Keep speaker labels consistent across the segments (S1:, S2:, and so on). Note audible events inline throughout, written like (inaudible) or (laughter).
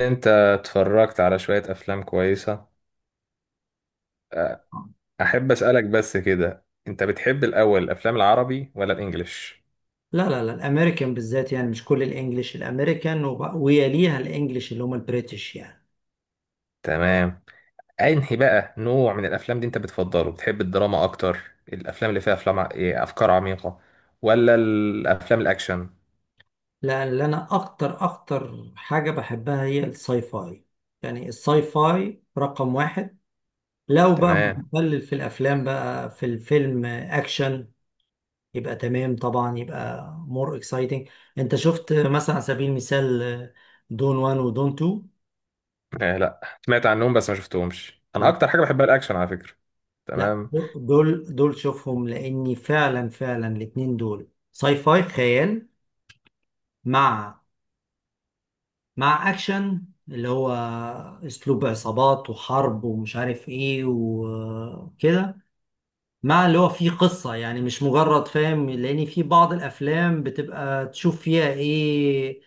S1: انت اتفرجت على شوية افلام كويسة. احب اسألك بس كده، انت بتحب الاول الافلام العربي ولا الانجليش؟
S2: لا لا لا الامريكان بالذات، يعني مش كل الانجليش، الامريكان ويليها الانجليش اللي هم البريتش يعني.
S1: تمام. انهي بقى نوع من الافلام دي انت بتفضله؟ بتحب الدراما اكتر، الافلام اللي فيها افلام ع- ايه، افكار عميقة، ولا الافلام الاكشن؟
S2: لأن انا اكتر اكتر حاجه بحبها هي الساي فاي، يعني الساي فاي رقم واحد. لو بقى
S1: تمام
S2: متخلل في الافلام، بقى في الفيلم اكشن، يبقى تمام طبعا، يبقى مور اكسايتنج. انت شفت مثلا، على سبيل المثال، دون وان ودون تو؟
S1: اه لا، سمعت عنهم بس ما شفتهمش. انا
S2: لا،
S1: اكتر حاجة بحبها الاكشن على فكرة.
S2: لا،
S1: تمام.
S2: دول شوفهم، لاني فعلا فعلا الاتنين دول ساي فاي خيال، مع مع اكشن، اللي هو اسلوب عصابات وحرب ومش عارف ايه وكده، مع اللي هو فيه قصة، يعني مش مجرد، فاهم؟ لان في بعض الافلام بتبقى تشوف فيها ايه،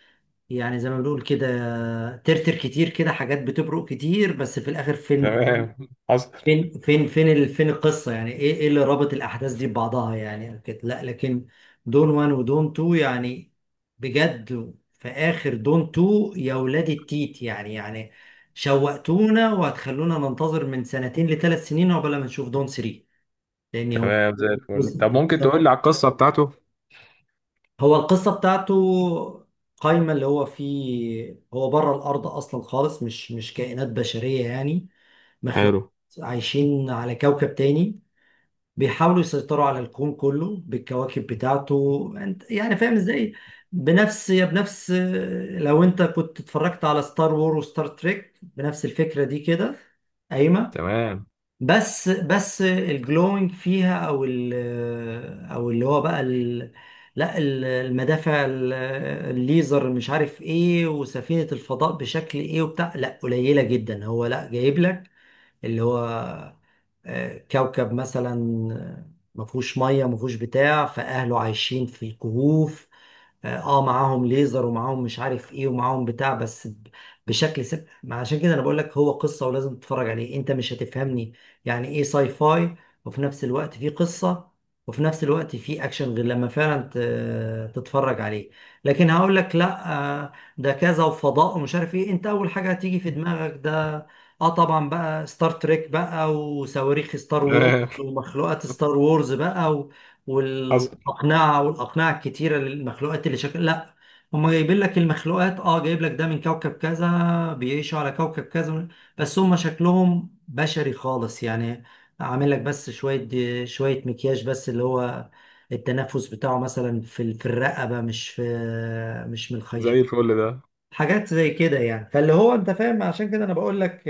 S2: يعني زي ما بنقول كده، ترتر كتير كده، حاجات بتبرق كتير بس في الاخر
S1: (laughs)
S2: فين؟
S1: تمام. حصل.
S2: فين القصة، يعني ايه اللي رابط الأحداث دي ببعضها، يعني كده لا. لكن دون 1 ودون 2 يعني، بجد في آخر دون 2، يا ولاد التيت يعني، يعني شوقتونا وهتخلونا ننتظر من سنتين لثلاث سنين عقبال ما نشوف دون 3، لأن هو
S1: تمام زي الفل. طب ممكن تقول
S2: (laughs)
S1: لي على القصة بتاعته؟
S2: هو القصة بتاعته قايمة، اللي هو فيه هو بره الأرض أصلا خالص، مش كائنات بشرية يعني،
S1: حلو.
S2: مخلوق عايشين على كوكب تاني، بيحاولوا يسيطروا على الكون كله بالكواكب بتاعته. انت يعني فاهم ازاي؟ بنفس، لو انت كنت اتفرجت على ستار وور وستار تريك، بنفس الفكرة دي كده قايمة.
S1: تمام.
S2: بس الجلوينج فيها، او ال، او اللي هو بقى ال، لا المدافع الليزر، مش عارف ايه، وسفينة الفضاء بشكل ايه وبتاع، لا قليلة جدا هو، لا جايب لك اللي هو، كوكب مثلا ما فيهوش ميه، ما فيهوش بتاع، فاهله عايشين في كهوف، اه معاهم ليزر ومعاهم مش عارف ايه ومعاهم بتاع، بس ب- بشكل سب... ما عشان كده انا بقول لك هو قصة، ولازم تتفرج عليه، انت مش هتفهمني يعني ايه ساي فاي، وفي نفس الوقت في قصة، وفي نفس الوقت في اكشن، غير لما فعلا تتفرج عليه. لكن هقول لك، لا آه، ده كذا وفضاء ومش عارف ايه، انت اول حاجة هتيجي في دماغك ده، اه، طبعا بقى ستار تريك بقى وصواريخ ستار وورز
S1: تمام.
S2: ومخلوقات
S1: (laughs)
S2: ستار وورز بقى،
S1: حصل.
S2: والاقنعه، والاقنعه الكتيره للمخلوقات، اللي شكل، لا هم جايبين لك المخلوقات، اه، جايب لك ده من كوكب كذا، بيعيشوا على كوكب كذا، بس هم شكلهم بشري خالص يعني، عامل لك بس شويه شويه مكياج، بس اللي هو التنفس بتاعه مثلا في الرقبه، مش في، مش من الخيش،
S1: زي الفل ده.
S2: حاجات زي كده يعني. فاللي هو، انت فاهم، عشان كده انا بقول لك،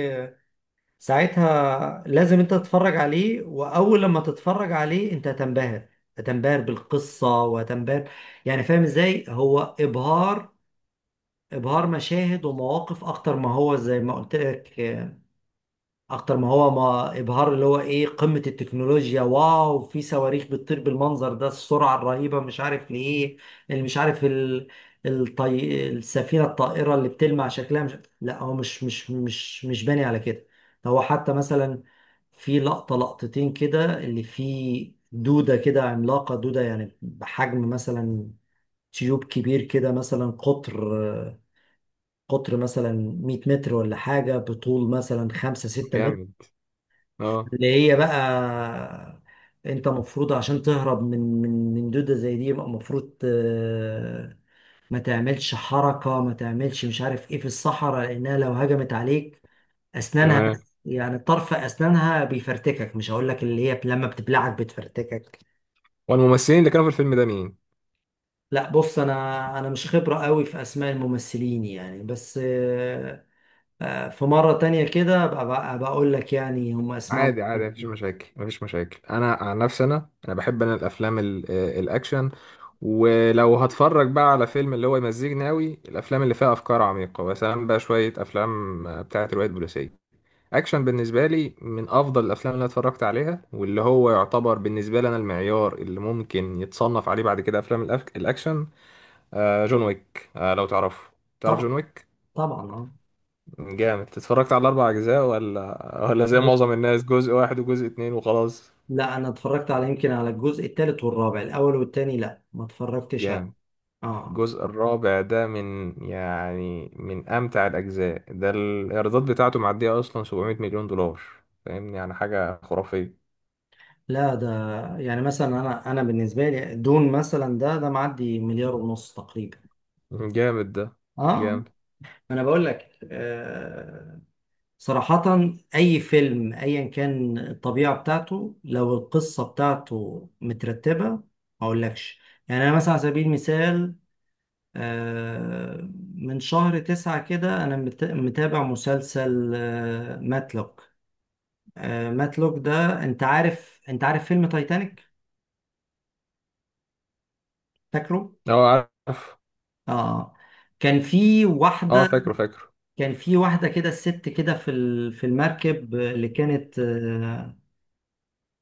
S2: ساعتها لازم انت تتفرج عليه، واول لما تتفرج عليه انت هتنبهر، هتنبهر بالقصة وهتنبهر، يعني فاهم ازاي، هو ابهار، ابهار مشاهد ومواقف اكتر ما هو، زي ما قلت لك، اكتر ما هو ما ابهار اللي هو ايه قمة التكنولوجيا، واو في صواريخ بتطير بالمنظر ده، السرعة الرهيبة، مش عارف ليه، اللي مش عارف ال... السفينة الطائرة اللي بتلمع شكلها، مش، لا هو مش باني على كده. هو حتى مثلا في لقطة لقطتين كده اللي فيه دودة كده عملاقة، دودة يعني بحجم مثلا تيوب كبير كده، مثلا قطر مثلا 100 متر ولا حاجة، بطول مثلا 5 6 متر،
S1: جامد. اه.
S2: اللي هي بقى، انت مفروض عشان تهرب من دودة زي دي، يبقى مفروض ما تعملش حركة، ما تعملش مش عارف ايه في الصحراء، لانها لو هجمت عليك، اسنانها
S1: تمام.
S2: بس، يعني طرف اسنانها بيفرتكك، مش هقول لك اللي هي لما بتبلعك بتفرتكك.
S1: والممثلين اللي كانوا في الفيلم ده مين؟
S2: لا بص، انا مش خبرة قوي في اسماء الممثلين يعني، بس في مرة تانية كده بقى بقول لك يعني هم اسمائهم.
S1: عادي عادي، مفيش مشاكل مفيش مشاكل. انا عن نفسي، انا بحب انا الافلام ال- آه، الاكشن. ولو هتفرج بقى على فيلم، اللي هو يمزجني قوي الافلام اللي فيها افكار عميقه، مثلا بقى شويه افلام بتاعه روايات بوليسيه. اكشن بالنسبه لي من افضل الافلام اللي أنا اتفرجت عليها، واللي هو يعتبر بالنسبه لي انا المعيار اللي ممكن يتصنف عليه بعد كده افلام الاكشن. جون ويك، لو تعرفه. تعرف
S2: طبعا،
S1: جون ويك؟
S2: طبعا.
S1: جامد. اتفرجت على الاربع اجزاء ولا زي
S2: اه،
S1: معظم الناس جزء واحد وجزء اتنين وخلاص؟
S2: لا انا اتفرجت على، يمكن على الجزء الثالث والرابع، الاول والثاني لا ما اتفرجتش عليه.
S1: جامد.
S2: اه،
S1: الجزء الرابع ده من يعني من امتع الاجزاء. ده الايرادات بتاعته معديه اصلا 700 مليون دولار، فاهمني؟ يعني حاجه خرافيه.
S2: لا ده يعني مثلا، انا بالنسبه لي دون مثلا، ده معدي مليار ونص تقريبا.
S1: جامد ده.
S2: اه،
S1: جامد.
S2: انا بقول لك صراحه، اي فيلم ايا كان الطبيعه بتاعته، لو القصه بتاعته مترتبه ما اقولكش، يعني انا مثلا على سبيل المثال، آه، من شهر تسعة كده أنا متابع مسلسل ماتلوك. مات لوك ده، انت عارف، انت عارف فيلم تايتانيك؟ فاكره؟
S1: اه. عارف.
S2: اه، كان في
S1: اه،
S2: واحده،
S1: فاكره فاكره.
S2: كان في واحده كده، الست كده في المركب اللي كانت آه،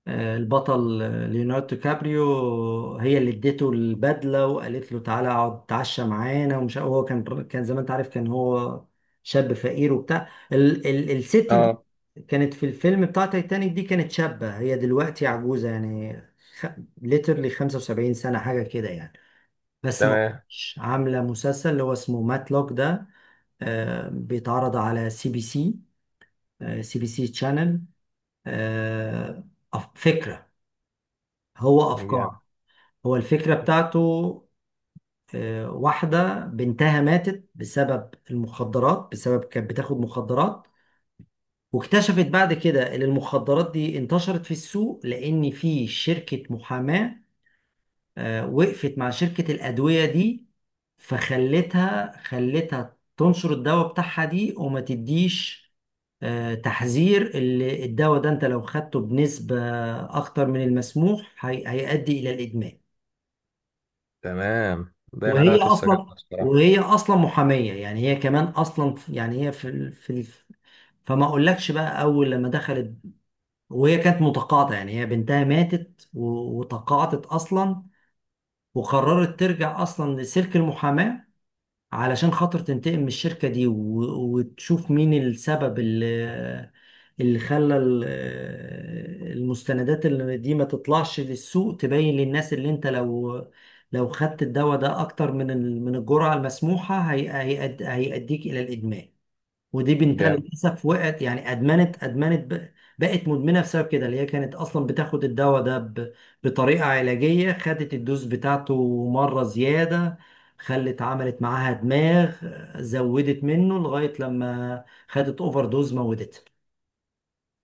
S2: آه، البطل، ليوناردو كابريو، هي اللي اديته البدله وقالت له تعالى اقعد تعشى معانا ومش عارف، هو كان، كان زي ما انت عارف كان هو شاب فقير وبتاع، ال الست دي
S1: اه.
S2: كانت في الفيلم بتاع تايتانيك دي، كانت شابه، هي دلوقتي عجوزه يعني، خ... ليترلي 75 سنه حاجه كده يعني، بس ما
S1: تمام.
S2: كنتش عامله مسلسل اللي هو اسمه ماتلوك ده. بيتعرض على سي بي سي، سي بي سي تشانل. فكره، هو
S1: جامد.
S2: افكار، هو الفكرة بتاعته واحدة بنتها ماتت بسبب المخدرات، بسبب كانت بتاخد مخدرات، واكتشفت بعد كده ان المخدرات دي انتشرت في السوق، لان في شركة محاماة وقفت مع شركة الأدوية دي، فخلتها، خلتها تنشر الدواء بتاعها دي، وما تديش تحذير، اللي الدواء ده انت لو خدته بنسبة اكتر من المسموح هيؤدي الى الادمان.
S1: تمام، باين عليها
S2: وهي
S1: قصه
S2: اصلا
S1: جامده بصراحه.
S2: وهي اصلا محاميه، يعني هي كمان اصلا، يعني هي في ال... في ال... فما اقولكش بقى، اول لما دخلت وهي كانت متقاعده، يعني هي بنتها ماتت و... وتقاعدت اصلا، وقررت ترجع اصلا لسلك المحاماه علشان خاطر تنتقم من الشركة دي، وتشوف مين السبب اللي، اللي خلى المستندات اللي دي ما تطلعش للسوق، تبين للناس اللي انت لو، لو خدت الدواء ده اكتر من الجرعة المسموحة، هيأديك الى الادمان. ودي بنتها
S1: جامد.
S2: للاسف وقعت يعني، ادمنت، بقت مدمنه بسبب كده، اللي هي كانت اصلا بتاخد الدواء ده بطريقه علاجيه، خدت الدوز بتاعته مره زياده، خلت، عملت معاها دماغ، زودت منه لغايه لما خدت اوفر دوز موتتها.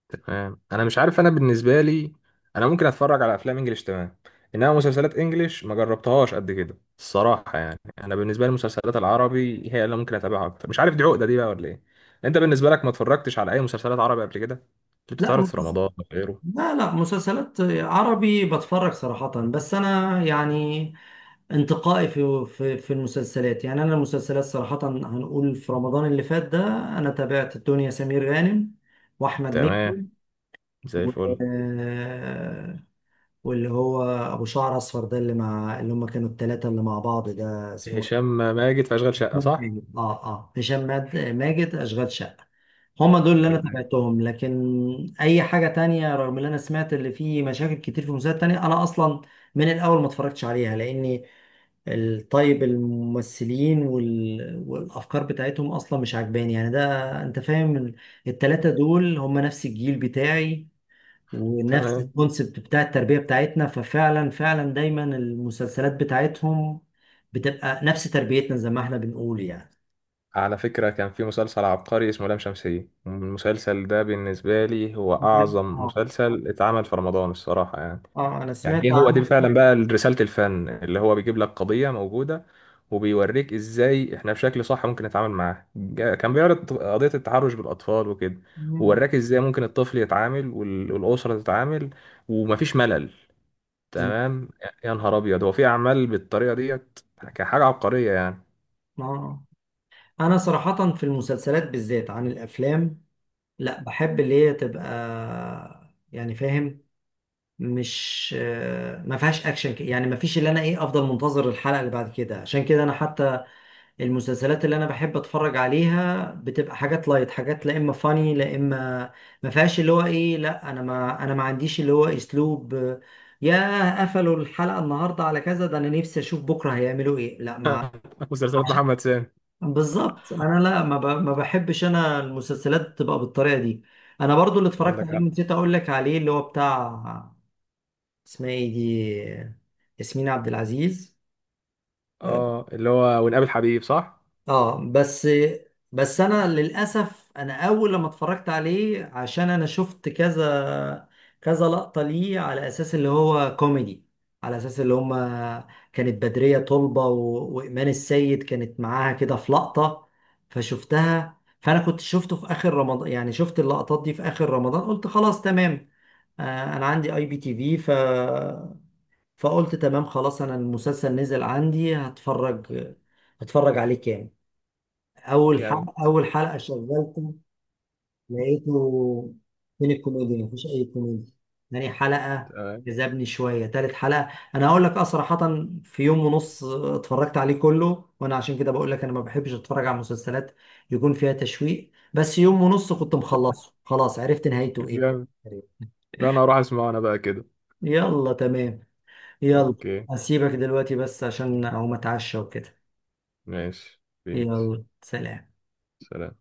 S1: تمام. انا مش عارف، انا بالنسبه لي انا ممكن اتفرج على افلام انجليش تمام، انما مسلسلات انجليش ما جربتهاش قد كده الصراحه. يعني انا بالنسبه لي المسلسلات العربي هي اللي ممكن اتابعها اكتر، مش عارف دي عقده دي بقى ولا ايه. انت بالنسبه لك ما اتفرجتش على اي مسلسلات عربي قبل كده، اللي
S2: لا
S1: بتتعرض في
S2: مسلس-
S1: رمضان أو غيره؟
S2: لا، مسلسلات عربي بتفرج صراحه، بس انا يعني انتقائي في المسلسلات، يعني انا المسلسلات صراحة، هنقول في رمضان اللي فات ده انا تابعت الدنيا سمير غانم واحمد مكي
S1: تمام. زي
S2: و...
S1: الفل.
S2: واللي هو ابو شعر اصفر ده، اللي مع، اللي هم كانوا الثلاثة اللي مع بعض ده، اسمه
S1: هشام ماجد في اشغال
S2: هشام
S1: شقه، صح؟
S2: ماجد. اه اه، ماجد، اشغال شقة. هما دول اللي انا
S1: تمام.
S2: تابعتهم. لكن اي حاجة تانية، رغم اللي انا سمعت اللي فيه مشاكل كتير في مسلسلات تانية، انا اصلا من الاول ما اتفرجتش عليها، لاني طيب الممثلين وال... والافكار بتاعتهم اصلا مش عجباني يعني. ده انت فاهم التلاتة دول هم نفس الجيل بتاعي ونفس
S1: تمام.
S2: الكونسبت بتاع التربية بتاعتنا، ففعلا فعلا دايما المسلسلات بتاعتهم بتبقى نفس تربيتنا زي ما احنا بنقول يعني.
S1: على فكرة، كان في مسلسل عبقري اسمه لام شمسية. المسلسل ده بالنسبة لي هو
S2: مم.
S1: أعظم
S2: اه،
S1: مسلسل اتعمل في رمضان الصراحة يعني.
S2: اه انا
S1: يعني
S2: سمعت
S1: ايه هو،
S2: عن.
S1: دي فعلا بقى رسالة الفن، اللي هو بيجيب لك قضية موجودة وبيوريك ازاي احنا بشكل صح ممكن نتعامل معاها. كان بيعرض قضية التحرش بالاطفال وكده،
S2: مم.
S1: ووراك ازاي ممكن الطفل يتعامل والاسرة تتعامل، ومفيش ملل.
S2: تم-
S1: تمام. يا نهار ابيض، هو في اعمال بالطريقة ديت كحاجة عبقرية يعني؟
S2: اه انا صراحة في المسلسلات بالذات عن الافلام، لا بحب اللي هي تبقى، يعني فاهم، مش ما فيهاش اكشن، يعني ما فيش اللي انا ايه افضل منتظر الحلقه اللي بعد كده، عشان كده انا حتى المسلسلات اللي انا بحب اتفرج عليها بتبقى حاجات لايت، حاجات لا اما فاني لا اما ما فيهاش اللي هو ايه، لا انا ما، انا ما عنديش اللي هو اسلوب يا قفلوا الحلقه النهارده على كذا ده انا نفسي اشوف بكره هيعملوا ايه، لا ما
S1: (laughs) مسلسلات
S2: عشان
S1: محمد سامي.
S2: (laughs) بالظبط. انا لا ما, ما بحبش انا المسلسلات تبقى بالطريقه دي. انا برضو اللي اتفرجت
S1: عندك
S2: عليه
S1: حق.
S2: نسيت اقول لك عليه، اللي هو بتاع، اسمها ايه دي، ياسمين عبد العزيز.
S1: اه اللي هو ونقابل حبيب، صح؟
S2: اه بس، بس انا للاسف انا اول لما اتفرجت عليه، عشان انا شفت كذا كذا لقطة ليه على اساس اللي هو كوميدي، على اساس اللي هما كانت بدرية طلبة وايمان السيد كانت معاها كده في لقطة، فشفتها، فانا كنت شفته في اخر رمضان، يعني شفت اللقطات دي في اخر رمضان، قلت خلاص تمام انا عندي اي بي تي في، فقلت تمام خلاص، انا المسلسل نزل عندي، هتفرج، هتفرج عليه كامل. اول
S1: جامد.
S2: حلقه، اول حلقه شغلته، لقيته فين الكوميديا، مفيش اي كوميديا. تاني حلقه
S1: تمام.
S2: جذبني شويه، تالت حلقه، انا هقول لك اه صراحه، في يوم ونص اتفرجت عليه كله، وانا عشان كده بقول لك انا ما بحبش اتفرج على مسلسلات يكون فيها تشويق، بس يوم ونص كنت مخلصه خلاص، عرفت نهايته ايه.
S1: جامد ده، انا هروح اسمعه انا بقى كده.
S2: يلا تمام، يلا.
S1: اوكي.
S2: هسيبك دلوقتي بس عشان اقوم اتعشى وكده.
S1: ماشي، بيس.
S2: يلا، سلام.
S1: سلام.